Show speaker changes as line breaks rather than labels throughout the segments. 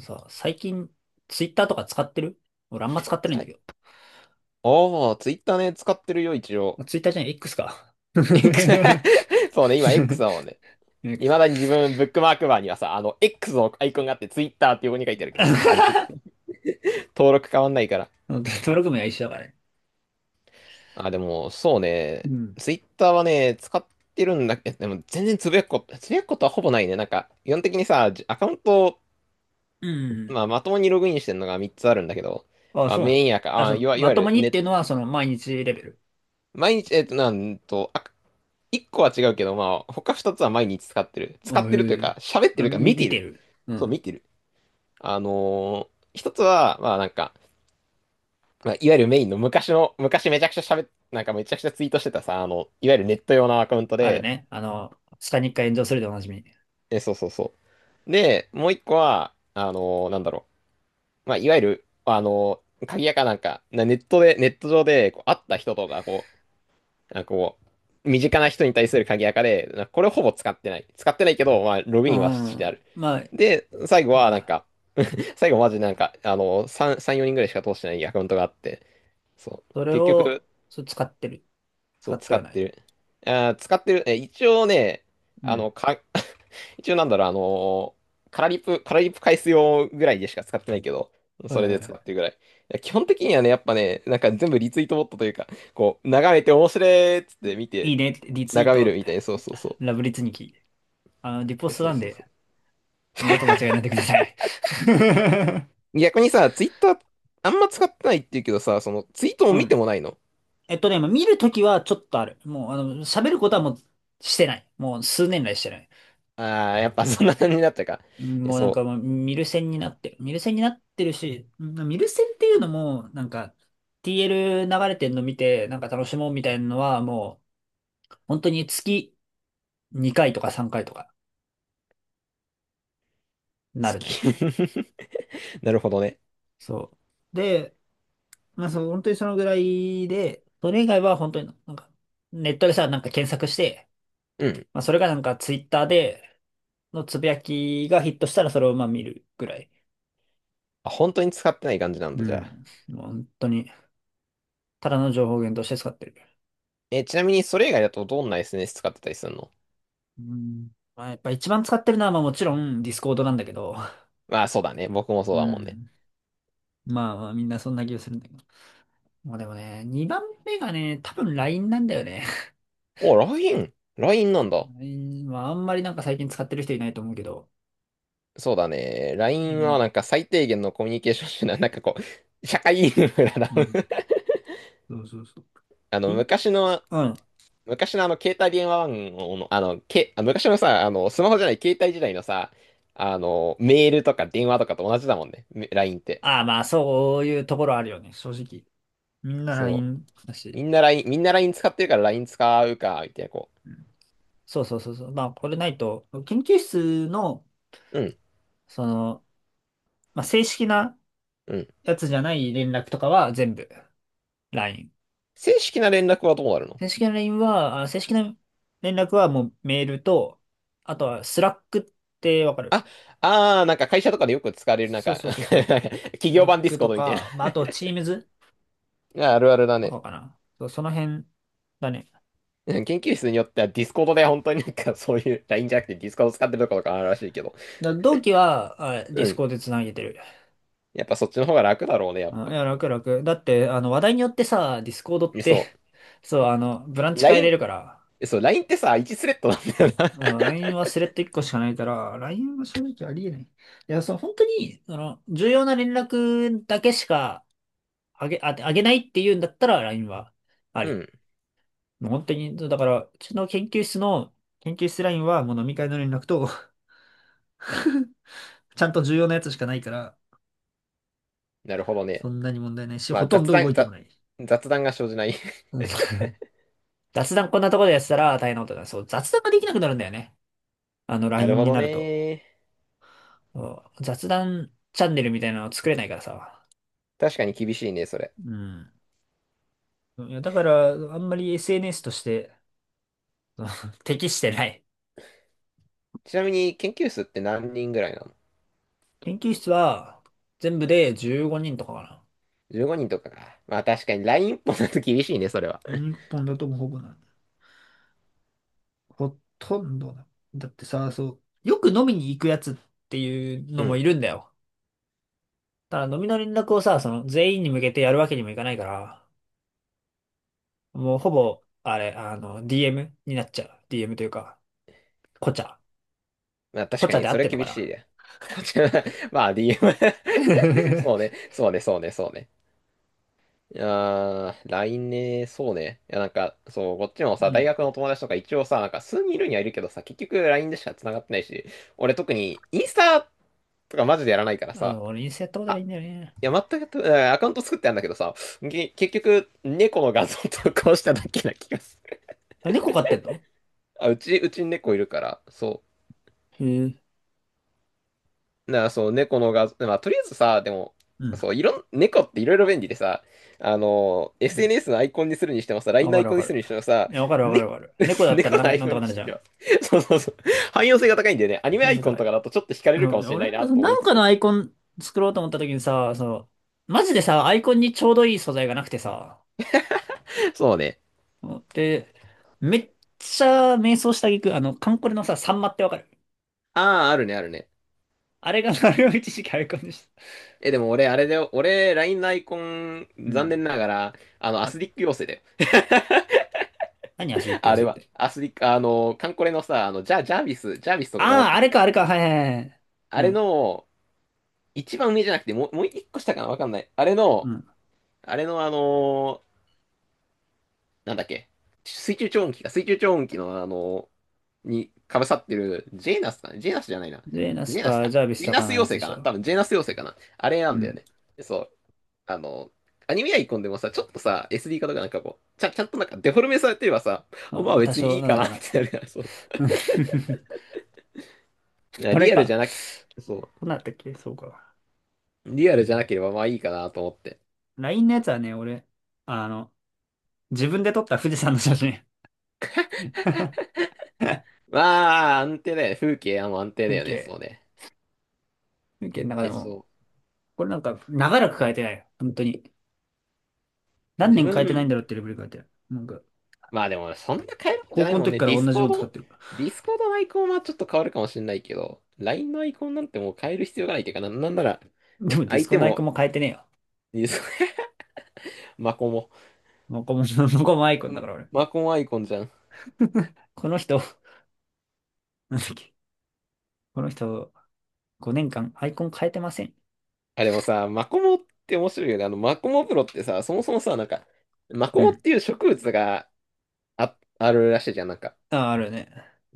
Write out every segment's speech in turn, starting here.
さ、最近、ツイッターとか使ってる？俺あんま使ってないん
さ
だ
い
けど。
ツイッターね、使ってるよ、一
ま
応。
あツイッターじゃない、X か。
X そうね、今 X だもんね。い
X
ま
か。
だに自分、ブックマークバーにはさ、X のアイコンがあって、ツイッターって横に書いてあるけどさ、あれ、登録変わんないから。
登録名は一緒だからね。
あ、でも、そう
う
ね、
ん。
ツイッターはね、使ってるんだけど、でも、全然つぶやくことはほぼないね。なんか、基本的にさ、アカウントを、
うん。
まあ、まともにログインしてるのが3つあるんだけど、
あ、
まあ、
そうなの？
メインア
あ、
カ、
そ
あ、い
う、
わ、いわ
ま
ゆ
とも
る
にっていうのは、その、毎日レベル？
毎日、えっと、なんと、あ、一個は違うけど、まあ、他二つは毎日使ってる。使っ
あ、へ
てるという
え。
か、喋って
あ、
るか、見
見
て
て
る。
る。う
そう、
ん。
見てる。一つは、まあ、いわゆるメインの昔めちゃくちゃ喋っ、なんかめちゃくちゃツイートしてたさ、あの、いわゆるネット用のアカウント
ある
で、
ね。あの、下に一回炎上するでおなじみ。
え、そうそうそう。で、もう一個は、なんだろう。まあ、いわゆる、鍵屋かなんか、ネットで、ネット上で、こう、会った人とか、こう、なんかこ身近な人に対する鍵垢で、なんかこれをほぼ使ってない。使ってないけど、まあ、ログ
う
インはしてあ
ん。
る。
まあ、
で、最後はなん
あ
か、最後マジなんか、あの、3、3、4人ぐらいしか通してないアカウントがあって、そう、
それ
結局、
を、そう使ってる。
そ
使
う、
って
使
は
っ
な
て
い。
る。あー、使ってる。え、一応ね、
う
あ
ん。
の、か、一応なんだろう、ーカラリップ返す用ぐらいでしか使ってないけど、
はい
それ
は
で使
い。
ってるぐらい。いや基本的にはね、やっぱね、なんか全部リツイートボットというか、こう、眺めて面白いっつって見
い
て、
いねって、リツイー
眺め
ト
る
っ
み
て。
たいな、
ラブリツニキ。あの、リポスト
そう
なん
そうそ
で、二度と間違えないでください。
う。逆にさ、ツイッターあんま使ってないって言うけどさ、そのツイートも
う
見て
ん。
もないの。
まあ見るときはちょっとある。もう、喋ることはもうしてない。もう数年来してない。
ああ、やっぱそんな感じになったか。
うん、
え、
もうなんか
そ
もう見る線になってる。見る線になってるし、うん、見る線っていうのも、TL 流れてんの見て、なんか楽しもうみたいなのは、もう、本当に月2回とか3回とか
う。好
なるね。
き。なるほどね。
そう。で、まあそう、本当にそのぐらいで、それ以外は本当にネットでさ、なんか検索して、
うん。
まあ、それがなんかツイッターでのつぶやきがヒットしたらそれをまあ見るぐらい。
あ、本当に使ってない感じなん
う
だ、じゃあ。
ん。もう本当に、ただの情報源として使ってる。
え、ちなみにそれ以外だとどんな SNS 使ってたりするの。
うん。まあ、やっぱ一番使ってるのはまあもちろんディスコードなんだけど、
まあ、そうだね。僕もそ
う
うだもんね。
ん。まあまあみんなそんな気がするんだけど。まあでもね、2番目がね、多分 LINE なんだよね。
お、LINE。LINE なんだ。
ラインはあんまりなんか最近使ってる人いないと思うけど。
そうだね。
う
LINE
ん。
はなんか最低限のコミュニケーション手段。なんかこう、社会インフラだ。
うん。そうそうそう。
あ
ピ
の、
ン、うん。
昔のあの、携帯電話番号の、昔のさ、あの、スマホじゃない携帯時代のさ、あの、メールとか電話とかと同じだもんね。LINE って。
ああ、まあそういうところあるよね、正直。みんな
そう。
LINE だ
み
し。
んな LINE、みんなライン使ってるから LINE 使うか、みたいな、こ
そうそうそうそう。まあ、これないと、研究室の、
う。うん、
その、まあ、正式な
うん。
やつじゃない連絡とかは全部 LINE。
正式な連絡はどうなるの。
正式な連絡はもうメールと、あとはスラックってわかる？
あ、あー、なんか会社とかでよく使われる、なん
そう
か
そうそうそ
なん
う。
か 企
スラ
業
ッ
版ディス
ク
コー
と
ドみたいな。
か、まあ、あと Teams
ああるあるだ
と
ね。
かかな。そう、その辺だね。
うん研究室によってはディスコードで本当になんかそういう LINE じゃなくてディスコード使ってるところとかあるらしいけど。
同期は、デ
う
ィスコ
ん。
ードでつなげてる。
やっぱそっちの方が楽だろうね、やっ
い
ぱ。
や、楽楽。だって、あの、話題によってさ、ディスコードっ
そ
て、 そう、あの、ブラン
う。
チ変え
LINE
れるから。
えそう、LINE ってさ、1スレッドなんだよな。
あの LINE はスレッド1個しかないから、LINE は正直ありえない。いや、その本当に、その、重要な連絡だけしかあげ、あ、あげないっていうんだったら LINE はあ
う
り。
ん。
もう本当に、だから、うちの研究室の、研究室 LINE はもう飲み会の連絡と、ちゃんと重要なやつしかないから、
なるほど
そ
ね。
んなに問題ないし、
ま
ほ
あ、
とん
雑
ど動
談、
いても
雑、
ない。
雑談が生じない。
うん。 雑談こんなところでやってたら大変なことだ。そう、雑談ができなくなるんだよね。あの、
なる
LINE
ほ
に
ど
なると。
ね。
そう、雑談チャンネルみたいなの作れないからさ。
確かに厳しいね、それ。
うん。いや、だから、あんまり SNS として、その、 適してない。
ちなみに、研究室って何人ぐらいなの？
研究室は、全部で15人とかか
15 人とかか。まあ、確かに LINE 一本だと厳しいね、それは。
な。日本だともうほぼなんだ。ほとんどだ。だってさ、そう、よく飲みに行くやつっていうの
う
もい
ん。
るんだよ。ただ飲みの連絡をさ、その全員に向けてやるわけにもいかないから、もうほぼ、あれ、あの、DM になっちゃう。DM というか、コチャ
まあ、確
コ
か
チャ
に、
で合
そ
っ
れ
てんの
厳
か
しい
な。
ね。こちら、まあ、DM そうね、そうね。いやー、LINE ね、そうね。いや、なんか、そう、こっちも
う
さ、大
ん。
学の友達とか一応さ、なんか数人いるにはいるけどさ、結局 LINE でしか繋がってないし、俺特にインスタとかマジでやらないから
あ
さ、
の、俺インスタやったことな
あ、
いんだよね。
いや、全くやって、えーアカウント作ってあるんだけどさ、結局、猫の画像投稿しただけな気がする。
あ、猫飼ってんの？
うちに猫いるから、そう。
へえ。
そう、猫の画像、まあ、とりあえずさ、でも、
うん。
そう、いろん、猫っていろいろ便利でさ、あの、
うん、
SNS のアイコンにするにしてもさ、LINE
わ
のア
か
イ
るわ
コンに
か
す
る。
るにしてもさ、
いや、わかるわかる
ね、
わかる。猫 だったら
猫のアイ
なん
コ
と
ン
か
に
なる
し
じ
と
ゃ
きま
ん。
す。そう。汎用性が高いんだよね。アニメア
話
イ
せ
コン
か
と
い。
かだとちょっと惹かれる
そ
か
う、
もしれな
俺
い
なんか
な
その、
と思い
なん
つ
かの
つ。
アイコン作ろうと思った時にさ、その、マジでさ、アイコンにちょうどいい素材がなくてさ、
そうね。
で、めっちゃ迷走した挙句、あの、カンコレのさ、サンマってわかる？
ああ、あるね。
あれが、あれを一時期アイコンでした。
え、でも俺、あれだよ。俺、LINE のアイコン、
う
残
ん。
念ながら、あの、ア
あ、
スリック妖精だ
何ア
よ。
スリック
あ
寄せ
れ
っ
は、
て。
アスリック、あの、カンコレのさ、あの、ジャービスとかが持っ
ああ、
て
あ
く
れ
る、
か、
あ
あれ
の、
か、はいはいはい。う
あれ
ん。
の、一番上じゃなくて、もう、もう一個下かなわかんない。
うん。
あれのあのーなんだっけ、水中超音機のあのーに被さってる、ジェーナスじゃないな。
で、ナ
ジ
ス
ェーナス
か、
か。
ジャービス
ジェー
と
ナ
か
ス
のやつ
妖
で
精か
し
な
ょ。
多分ジェーナス妖精かな。あれな
う
んだよ
ん。
ね。そう。あのーアニメアイコンでもさ、ちょっとさ、SD 化とかなんかこう、ちゃんとなんかデフォルメされてればさ、まあ
あー、多
別にい
少、
い
なん
か
と
な
か
っ
なる。
てなるから、そうそ
うん。
う。だから
あれ
リアルじ
か。
ゃなく、
ど
そ
うなったっけ、そうか。
う。リアルじゃなければまあいいかなと思って。
LINE のやつはね、俺、あの、自分で撮った富士山の写真。
まあ、安定だよね。風景はもう安定だ
風
よね。
景。
そうね。
風景の中で
え、
も。
そ
これなんか、長らく変えてないよ。本当に。
う。
何
自
年変えてないん
分、
だろうってレベル変えてる。なんか、
まあでも、そんな変えるんじゃ
高
ない
校の
もん
時
ね。
から同じもの使ってる。
ディスコードのアイコンはちょっと変わるかもしれないけど、LINE のアイコンなんてもう変える必要がないっていうかな、なんなら、
でもディス
相
コ
手
のアイコン
も、
も変えてねえよ。
ディス マコモ。
もこも、もこもアイコンだ
ん
から俺。
マコモアイコンじゃん。
この人、なんだっけ。この人、5年間アイコン変えてません。
あ、でもさ、マコモって面白いよね。あの、マコモプロってさ、そもそもさ、なんか、マコ
う
モっ
ん。
ていう植物があるらしいじゃん。なんか、
あ、あるよね。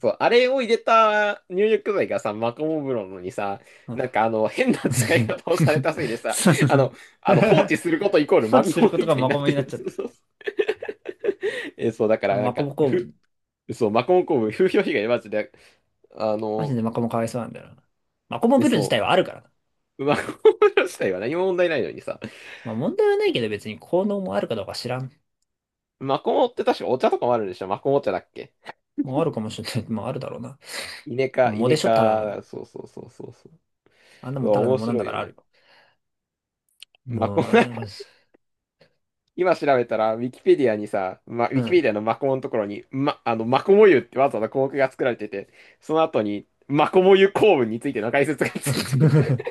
そう、あれを入れた入浴剤がさ、マコモ風呂のにさ、
うん。
なんかあの、変な使い 方をされたせいでさ、
そうそう
あ
そ
の、
う。
あの放置することイコール
放
マ
置す
コ
る
モ
こと
み
が
たい
マ
にな
コ
っ
モ
て
になっ
る。
ちゃっ
そう
た。
そう。え、そう、だからなん
マコ
か、
モ構
ふ、
文。
そう、マコモ工部、風評被害マジで、あ
マジ
の、
でマコモかわいそうなんだよな。マコモ
え、
ブル自
そ
体はあるからな。
う、マコモ風呂自体は何も問題ないのにさ、
まあ問題はないけど別に効能もあるかどうか知らん。
マコモって確かお茶とかもあるんでしょ。マコモ茶だっけ。
もうあるかもしれない。まああるだろうな。も
イ
モ
ネ
でしょ、ただの。
科、そう。
あんな
う
もん
わ
ただの
面
モなん
白
だ
い
か
よ
らあ
ね。
るよ。
マコ
もう、
モ
あれなんかす、
今調べたら、ウ
う
ィキ
ん。
ペディアのマコモのところに、ま、あの、マコモ湯ってわざわざ項目が作られてて、その後に、マコモ湯構文についての解説がついてる。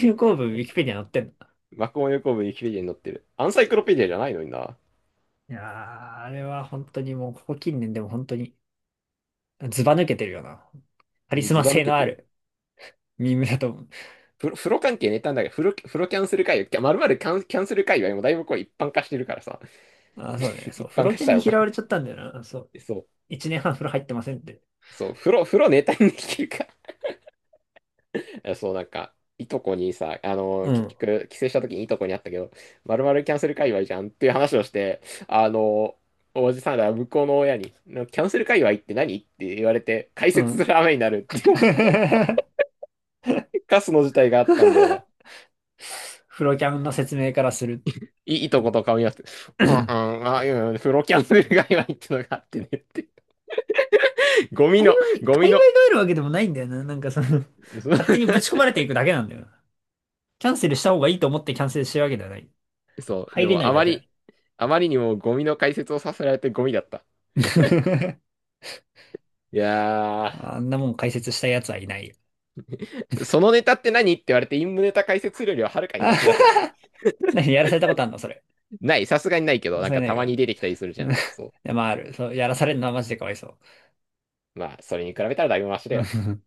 流行文ウィキペディア載ってんの。
マコモ湯構文ウィキペディアに載ってる。アンサイクロペディアじゃないのにな。
いやー、あれは本当にもう、ここ近年でも本当に、ずば抜けてるよな。カ
う
リ
ん
ス
ず
マ
ば抜
性
け
のあ
てる。
るミームだと思う。
風呂関係ネタなんだけど、風呂キャンセル界隈、まるまるキャン、キャンセル界隈もだいぶこう一般化してるからさ、
あー、そうね。そ
一
う。風
般
呂
化し
犬
た
に
よ
拾
か。
われちゃったんだよな。そう。
そう、
一年半風呂入ってませんって。
風呂ネタにできるか。えそう、なんか、いとこにさ、あの
う
ー結
ん。
局、帰省した時にいとこに会ったけど、まるまるキャンセル界隈じゃんっていう話をして、あのーおじさんら向こうの親に、なキャンセル界隈って何って言われて、解
う
説
ん。
する雨になるって いうカスの事態があったんだよな。
フロキャンの説明からする。
いとこと顔見合わせて、うんうん、あ、うん、プロキャンセル界隈ってのがあってねって。ゴ
界隈
ミ
が
の、
あるわけでもないんだよな。なんかその、
そ う、
勝手にぶち込まれていくだけなんだよな。キャンセルした方がいいと思ってキャンセルしてるわけではない。
そうで
入れな
も
い
あ
だ
ま
けだ。
り、あまりにもゴミの解説をさせられてゴミだった。いやー。
あんなもん解説した奴はいないよ。
そのネタって何って言われて、陰夢ネタ解説するよりははるかにマシだ
あ、
けどね。
何やらされたことあんのそれ？
ない、さすがにないけど、な
そ
ん
れ
か
な
た
い
まに
か。
出てきたりする じ
う
ゃん。
ん、い
そう。
や、まあある。そう、やらされるのはマジでかわいそ
まあ、それに比べたらだいぶマシだ
う。う
よね。
ん